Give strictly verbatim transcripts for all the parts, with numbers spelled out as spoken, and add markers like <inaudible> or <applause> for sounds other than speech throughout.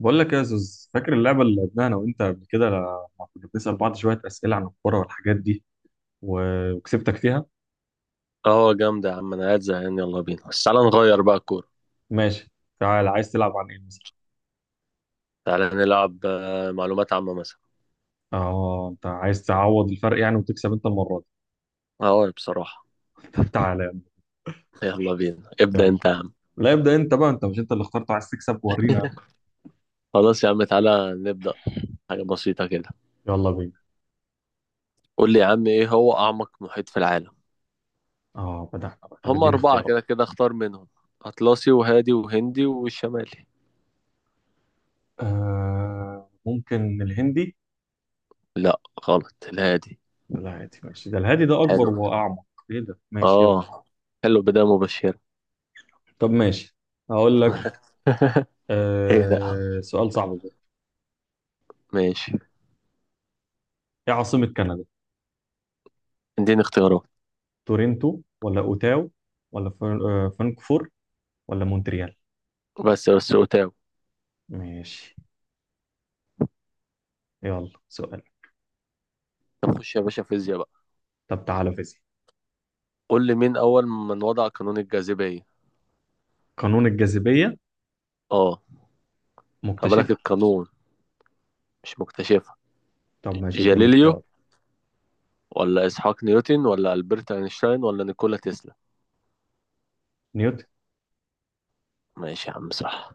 بقول لك يا زوز، فاكر اللعبة اللي لعبناها أنا وأنت قبل كده لما كنا بنسأل بعض شوية أسئلة عن الكورة والحاجات دي و- وكسبتك فيها؟ اه جامدة يا عم، انا قاعد زهقان. يلا بينا، بس تعالى نغير بقى الكورة. ماشي. تعال، عايز تلعب عن إيه مثلا؟ تعالى نلعب آه، معلومات عامة مثلا. آه، أنت عايز تعوض الفرق يعني وتكسب أنت المرة دي. اه بصراحة. <laughs> طب تعالى يلا بينا، يا ابدأ عم. يلا. انت يا عم. لا، ابدأ أنت بقى أنت. مش أنت اللي اخترت؟ عايز تكسب، ورينا. <laughs> خلاص يا عم، تعالى نبدأ. حاجة بسيطة كده. يلا بينا. قول لي يا عم، ايه هو أعمق محيط في العالم؟ آه، بدأنا بقى. طب هم اديني أربعة اختيارات. كده كده، اختار منهم: أطلسي وهادي وهندي والشمالي. آه، ممكن الهندي؟ لا، غلط، الهادي. لا عادي، ماشي. ده الهادي، ده أكبر حلو. وأعمق. إيه ده؟ ماشي، يلا. اه، حلو، بداية مبشرة. طب ماشي، هقول لك. <laughs> ايه ده يا عم؟ آه، سؤال صعب بقى. ماشي، ايه عاصمة كندا؟ اديني اختيارات. تورنتو ولا اوتاو ولا فر- آه، فرانكفور ولا مونتريال. بس بس، وتاو. ماشي، يلا سؤال. طب خش يا باشا فيزياء بقى. طب تعالى، فيزياء. قول لي مين أول من وضع قانون الجاذبية؟ قانون الجاذبية. اه، هبالك مكتشفها. القانون، مش مكتشفها. طب ماشي، اديني جاليليو، اختيار. ولا إسحاق نيوتن، ولا ألبرت أينشتاين، ولا نيكولا تسلا؟ نيوتن. ماشي يا عم، صح.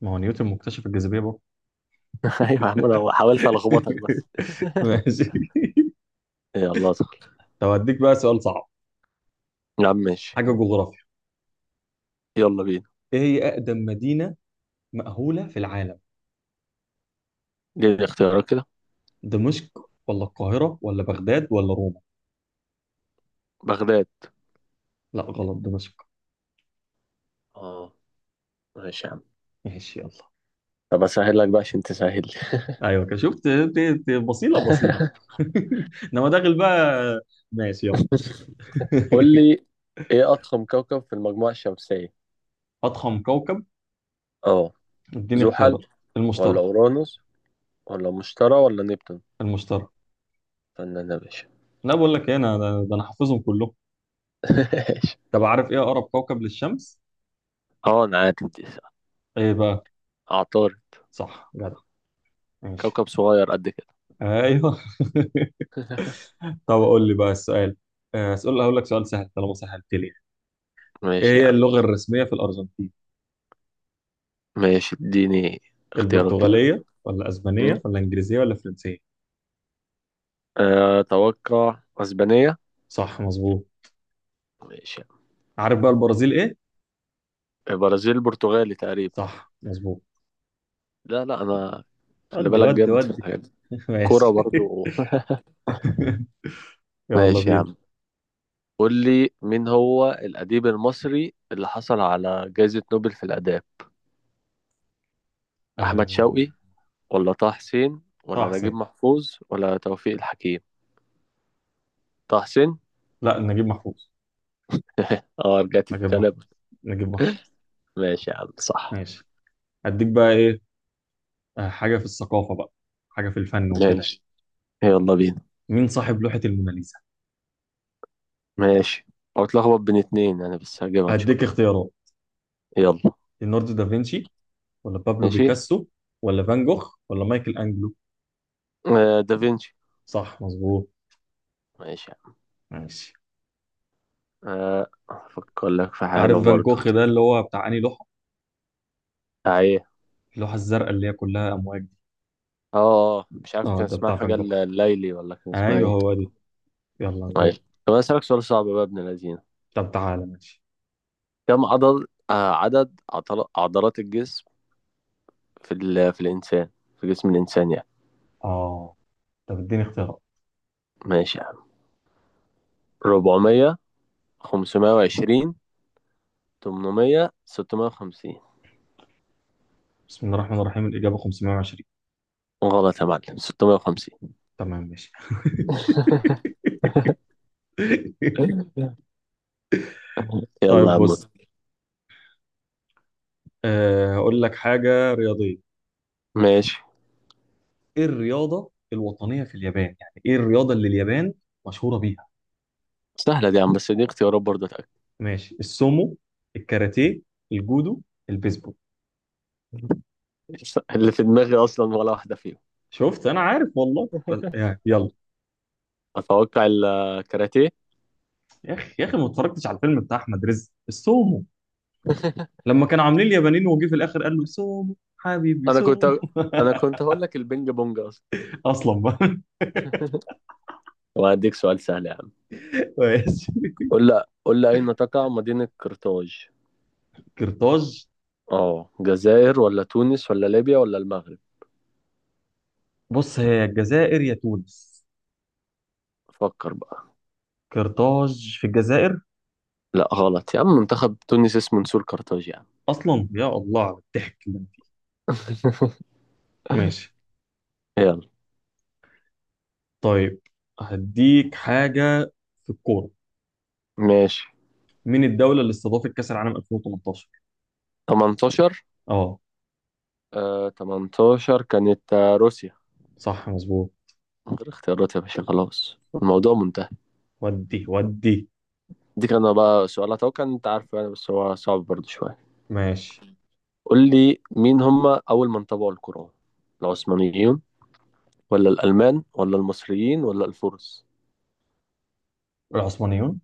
ما هو نيوتن مكتشف الجاذبية برضه. <laughs> أيوة يا عم، أنا حاولت ألخبطك بس. <laughs> ماشي. <laughs> يلا ادخل طب اديك بقى سؤال صعب، يا عم. ماشي، حاجة جغرافيا. يلا بينا. ايه هي اقدم مدينة مأهولة في العالم؟ دي الاختيارات كده. دمشق ولا القاهرة ولا بغداد ولا روما؟ بغداد. لا غلط، دمشق. اه، ماشي يا عم. ماشي، يلا. طب اسهل لك بقى عشان تسهل لي. ايوه كده، شفت؟ ت- ت- بصيله بصيله. <laughs> <laughs> انما داخل بقى. ماشي، يلا. قول <laughs> لي، ايه اضخم كوكب في المجموعة الشمسية؟ اضخم كوكب. اه، اديني زحل اختيارات. ولا المشتري. اورانوس ولا مشتري ولا نبتون؟ المشتري. فنان يا باشا. لا بقول لك ايه، انا ده انا حافظهم كلهم. <laughs> ماشي. طب عارف ايه اقرب كوكب للشمس؟ اه، انا عارف دي. ايه بقى؟ عطار. صح، جدع. ماشي. كوكب صغير قد كده. ايوه. <laughs> <laughs> طب اقول لي بقى السؤال. آه، اسال، هقول لك سؤال سهل طالما سهلت لي. ايه ماشي يا هي عم. اللغه الرسميه في الارجنتين؟ ماشي، اديني اختيارات كده. البرتغاليه ولا م? اسبانيه ولا انجليزيه ولا فرنسيه؟ آه، اتوقع اسبانية. صح مظبوط. ماشي يا عم. عارف بقى البرازيل ايه؟ البرازيل برتغالي تقريبا. صح مظبوط. لا لا انا خلي ودي بالك ودي جامد في ودي. الحاجات دي. <laughs> كورة ماشي. برضو. <laughs> <laughs> يلا ماشي يا بينا. عم. قول لي مين هو الأديب المصري اللي حصل على جائزة نوبل في الآداب؟ أحمد شوقي، آه... ولا طه حسين، طه ولا نجيب حسين. محفوظ، ولا توفيق الحكيم؟ طه حسين. لا، نجيب محفوظ. اه، رجعت نجيب محفوظ. الكلب. نجيب محفوظ. ماشي يا عم، صح. ماشي. هديك بقى ايه. آه، حاجة في الثقافة بقى، حاجة في الفن وكده يعني. ماشي، يلا بينا. مين صاحب لوحة الموناليزا؟ ماشي، او اتلخبط بين اتنين انا، بس هجيبها ان شاء هديك الله. اختيارات. يلا. ليوناردو دافنشي ولا بابلو ماشي، بيكاسو ولا فان جوخ ولا مايكل انجلو؟ آه دافنشي. صح مظبوط. ماشي يا ماشي. عم. آه افكر لك في حاجة عارف فان برضو. جوخ ده اللي هو بتاع انهي لوحة؟ آه، ايه؟ اللوحة الزرقاء اللي هي كلها امواج دي. اه، آه، مش عارف اه، كان ده اسمها بتاع حاجة فان الل- جوخ. الليلي، ولا كان اسمها ايوه ايه. هو دي. يلا ايوه، دور. طب انا اسألك سؤال صعب بقى يا ابن الذين. طب تعالى ماشي. كم عضل، آه عدد عضل- عضلات الجسم في ال... في الانسان، في جسم الانسان يعني. اه. طب اديني اختيارات. ماشي يا عم: أربعمية، خمسمائة وعشرين، تمنمية، ستمية وخمسين. بسم الله الرحمن الرحيم، الإجابة خمسمية وعشرين. غلط يا معلم، ستمية وخمسين. تمام، ماشي. <laughs> <laughs> يلا طيب يا عم، بص. متعة. آه، هقول لك حاجة رياضية. ماشي. ايه الرياضة الوطنية في اليابان؟ يعني ايه الرياضة اللي اليابان مشهورة بيها؟ سهلة دي يا عم، بس دي اختيارات برضه، اتأكد. ماشي. السومو، الكاراتيه، الجودو، البيسبول. اللي في دماغي أصلا ولا واحدة فيهم. شفت، انا عارف والله، بس يعني يلا. أتوقع الكاراتيه. يا اخي يا اخي، ما اتفرجتش على الفيلم بتاع احمد رزق السومو؟ لما كانوا عاملين اليابانيين وجي في الاخر قال له سومو حبيبي أنا كنت سومو. أنا كنت هقول لك البينج بونج أصلا. <laughs> اصلا بقى. وهديك سؤال سهل يا عم. ماشي. قول لي قول لي، أين تقع مدينة قرطاج؟ قرطاج. أه، جزائر ولا تونس ولا ليبيا ولا المغرب؟ بص، هي يا الجزائر يا تونس. فكر بقى. قرطاج في الجزائر. لا، غلط يا عم، منتخب تونس اسمه نسور قرطاج يا عم. اصلا يا الله على الضحك اللي أنا فيه. <laughs> ماشي. يلا. طيب هديك حاجه في الكوره. ماشي. مين الدوله اللي استضافت كاس العالم ألفين وتمنتاشر؟ تمنتاشر. اه، آه، تمنتاشر كانت، آه، روسيا. صح مظبوط. من غير اختيارات يا باشا، خلاص الموضوع منتهي. ودي ودي. دي كان بقى سؤال اتوقع ان انت عارفه يعني، بس هو صعب برضه شويه. ماشي. قول لي، مين هم اول من طبعوا القرآن؟ العثمانيين، ولا الالمان، ولا المصريين، ولا الفرس؟ العثمانيون.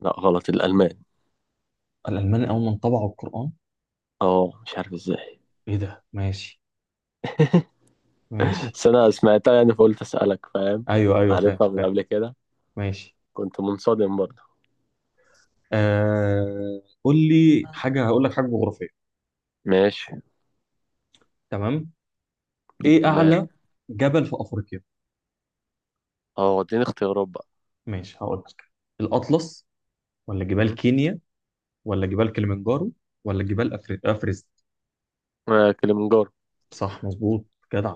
لا، غلط، الالمان. الالمان اول من طبعوا القران. اه، مش عارف ازاي. ايه ده؟ ماشي. ماشي. بس انا سمعتها يعني فقلت اسالك، فاهم؟ ايوه ايوه، فاهم عارفها من فاهم. قبل كده. ماشي. كنت منصدم برضه. آه... قول لي حاجه. هقول لك حاجه جغرافيه. ماشي. تمام. ايه تمام. اعلى جبل في افريقيا؟ اه، اديني اختيارات بقى. ماشي، هقول لك. الأطلس، ولا جبال م? كينيا، ولا جبال كليمنجارو، ولا جبال أفر... أفرست؟ آه، كليمنجارو. صح مظبوط، جدع.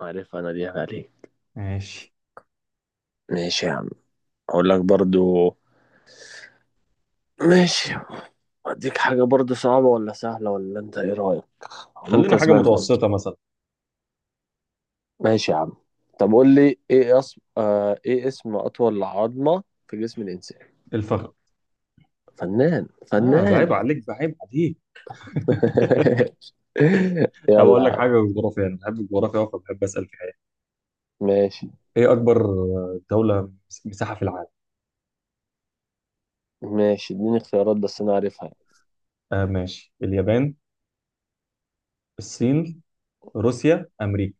عارفها انا، دي عليك. ماشي. ماشي يا عم. اقول لك برضو. ماشي. اديك حاجة برضو، صعبة ولا سهلة، ولا انت ايه رأيك؟ مين خلينا حاجة كسبان اصلا؟ متوسطة مثلا. ماشي يا عم. طب قول لي، ايه اسم، آه ايه اسم اطول عظمة في جسم الانسان؟ الفخذ. فنان اه، ده فنان. عيب عليك، ده عيب عليك. <laughs> <laughs> طب يلا أقول يا لك عم. حاجة جغرافية. أنا بحب الجغرافيا أوي فبحب أسأل فيها يعني. ماشي. إيه أكبر آه، دولة مس- مساحة في العالم؟ ماشي، اديني اختيارات، بس انا عارفها. آه ماشي. اليابان، الصين، روسيا، أمريكا.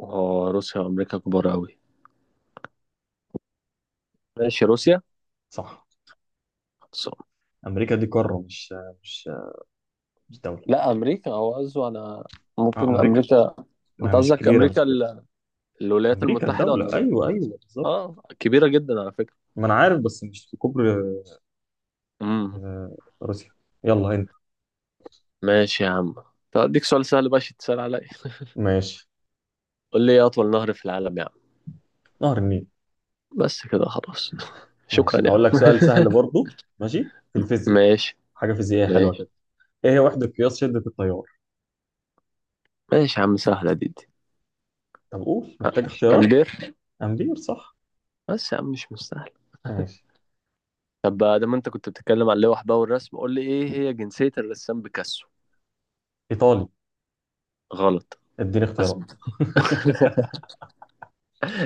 اه، روسيا وامريكا كبار قوي. ماشي، روسيا. صح. صح. أمريكا دي قارة، مش آه، مش آه، مش دولة. لا، امريكا هو قصده. انا اه، ممكن أمريكا. امريكا. ما انت هي مش قصدك كبيرة مش امريكا كبيرة. ال- الولايات أمريكا المتحدة الدولة. ولا؟ أيوه أيوه، بالظبط. اه، كبيرة جدا على فكرة. ما انا عارف، بس مش في كوبري. امم آه، روسيا. يلا انت. ماشي يا عم. طب اديك سؤال سهل بقى عشان تسأل عليا. ماشي. قول لي، ايه اطول نهر في العالم يا عم؟ نهر النيل. بس كده خلاص. <laughs> شكرا ماشي، يا هقول لك عم. سؤال سهل برضه، ماشي في <laughs> الفيزياء. ماشي. حاجه فيزيائيه حلوه ماشي. كده. ايه هي وحده قياس شده التيار؟ ماشي يا عم، سهلة دي دي. طب قول، محتاج اختيارات. أمبير. امبير، صح. بس يا عم مش مستاهل. ماشي. طب بقى، دام انت كنت بتتكلم عن اللوح بقى والرسم، قول لي ايه هي جنسية الرسام بيكاسو؟ ايطالي. غلط. اديني بس. اختيارات. <laughs> <laughs>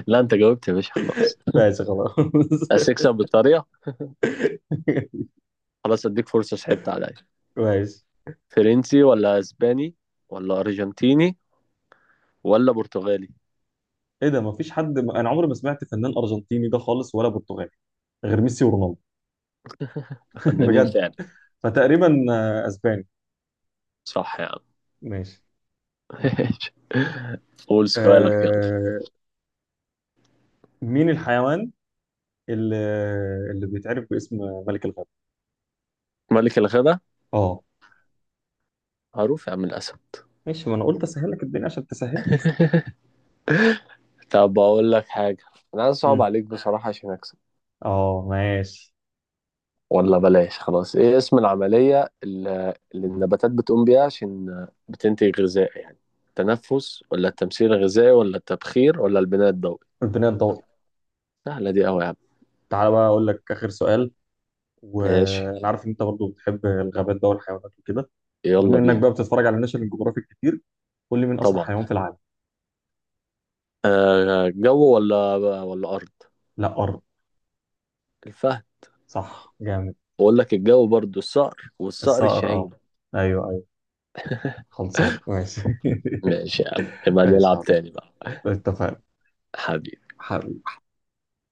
لا، انت جاوبت يا باشا خلاص. ماشي خلاص. بس <laughs> اكسب بالطريقة. خلاص، اديك فرصة، صعبت عليا. ماشي. فرنسي، ولا اسباني، ولا ارجنتيني، ولا برتغالي؟ ايه ده، مفيش حد؟ انا عمري ما سمعت فنان ارجنتيني ده خالص ولا برتغالي غير ميسي ورونالدو. <laughs> فنانين بجد. فعلا. فتقريبا آه، اسباني. صح يا عم. ماشي. <laughs> ماشي. قول سؤالك يلا. آه... مين الحيوان اللي اللي بيتعرف باسم ملك الغابة؟ ملك الغدا. اه معروف يا عم، الأسد. ماشي، ما انا قلت اسهل لك الدنيا عشان تسهل. طب أقول لك حاجة، أنا عايز أصعب امم. عليك بصراحة عشان أكسب. اه ماشي. ولا بلاش، خلاص. إيه اسم العملية اللي اللي النباتات بتقوم بيها عشان بتنتج غذاء يعني؟ التنفس، ولا التمثيل الغذائي، ولا التبخير، ولا البناء الضوئي؟ الدنيا تدور. سهلة دي أوي يا عم. تعالى بقى اقول لك اخر سؤال. ماشي، وانا عارف ان انت برضو بتحب الغابات بقى والحيوانات وكده. بما يلا انك بينا. بقى بتتفرج على ناشونال جيوغرافيك كتير، قول لي مين اسرع طبعا. حيوان في العالم؟ آه، جو ولا، ولا أرض؟ لا، ارض. الفهد. صح، جامد. بقول لك، الجو برضو الصقر، والصقر الصقر، الشاهين. اه. ايوه ايوه، خلصان. ماشي. ماشي يا عم، <laughs> نبقى ماشي نلعب يا عم. تاني بقى. اتفقنا. حبيبي.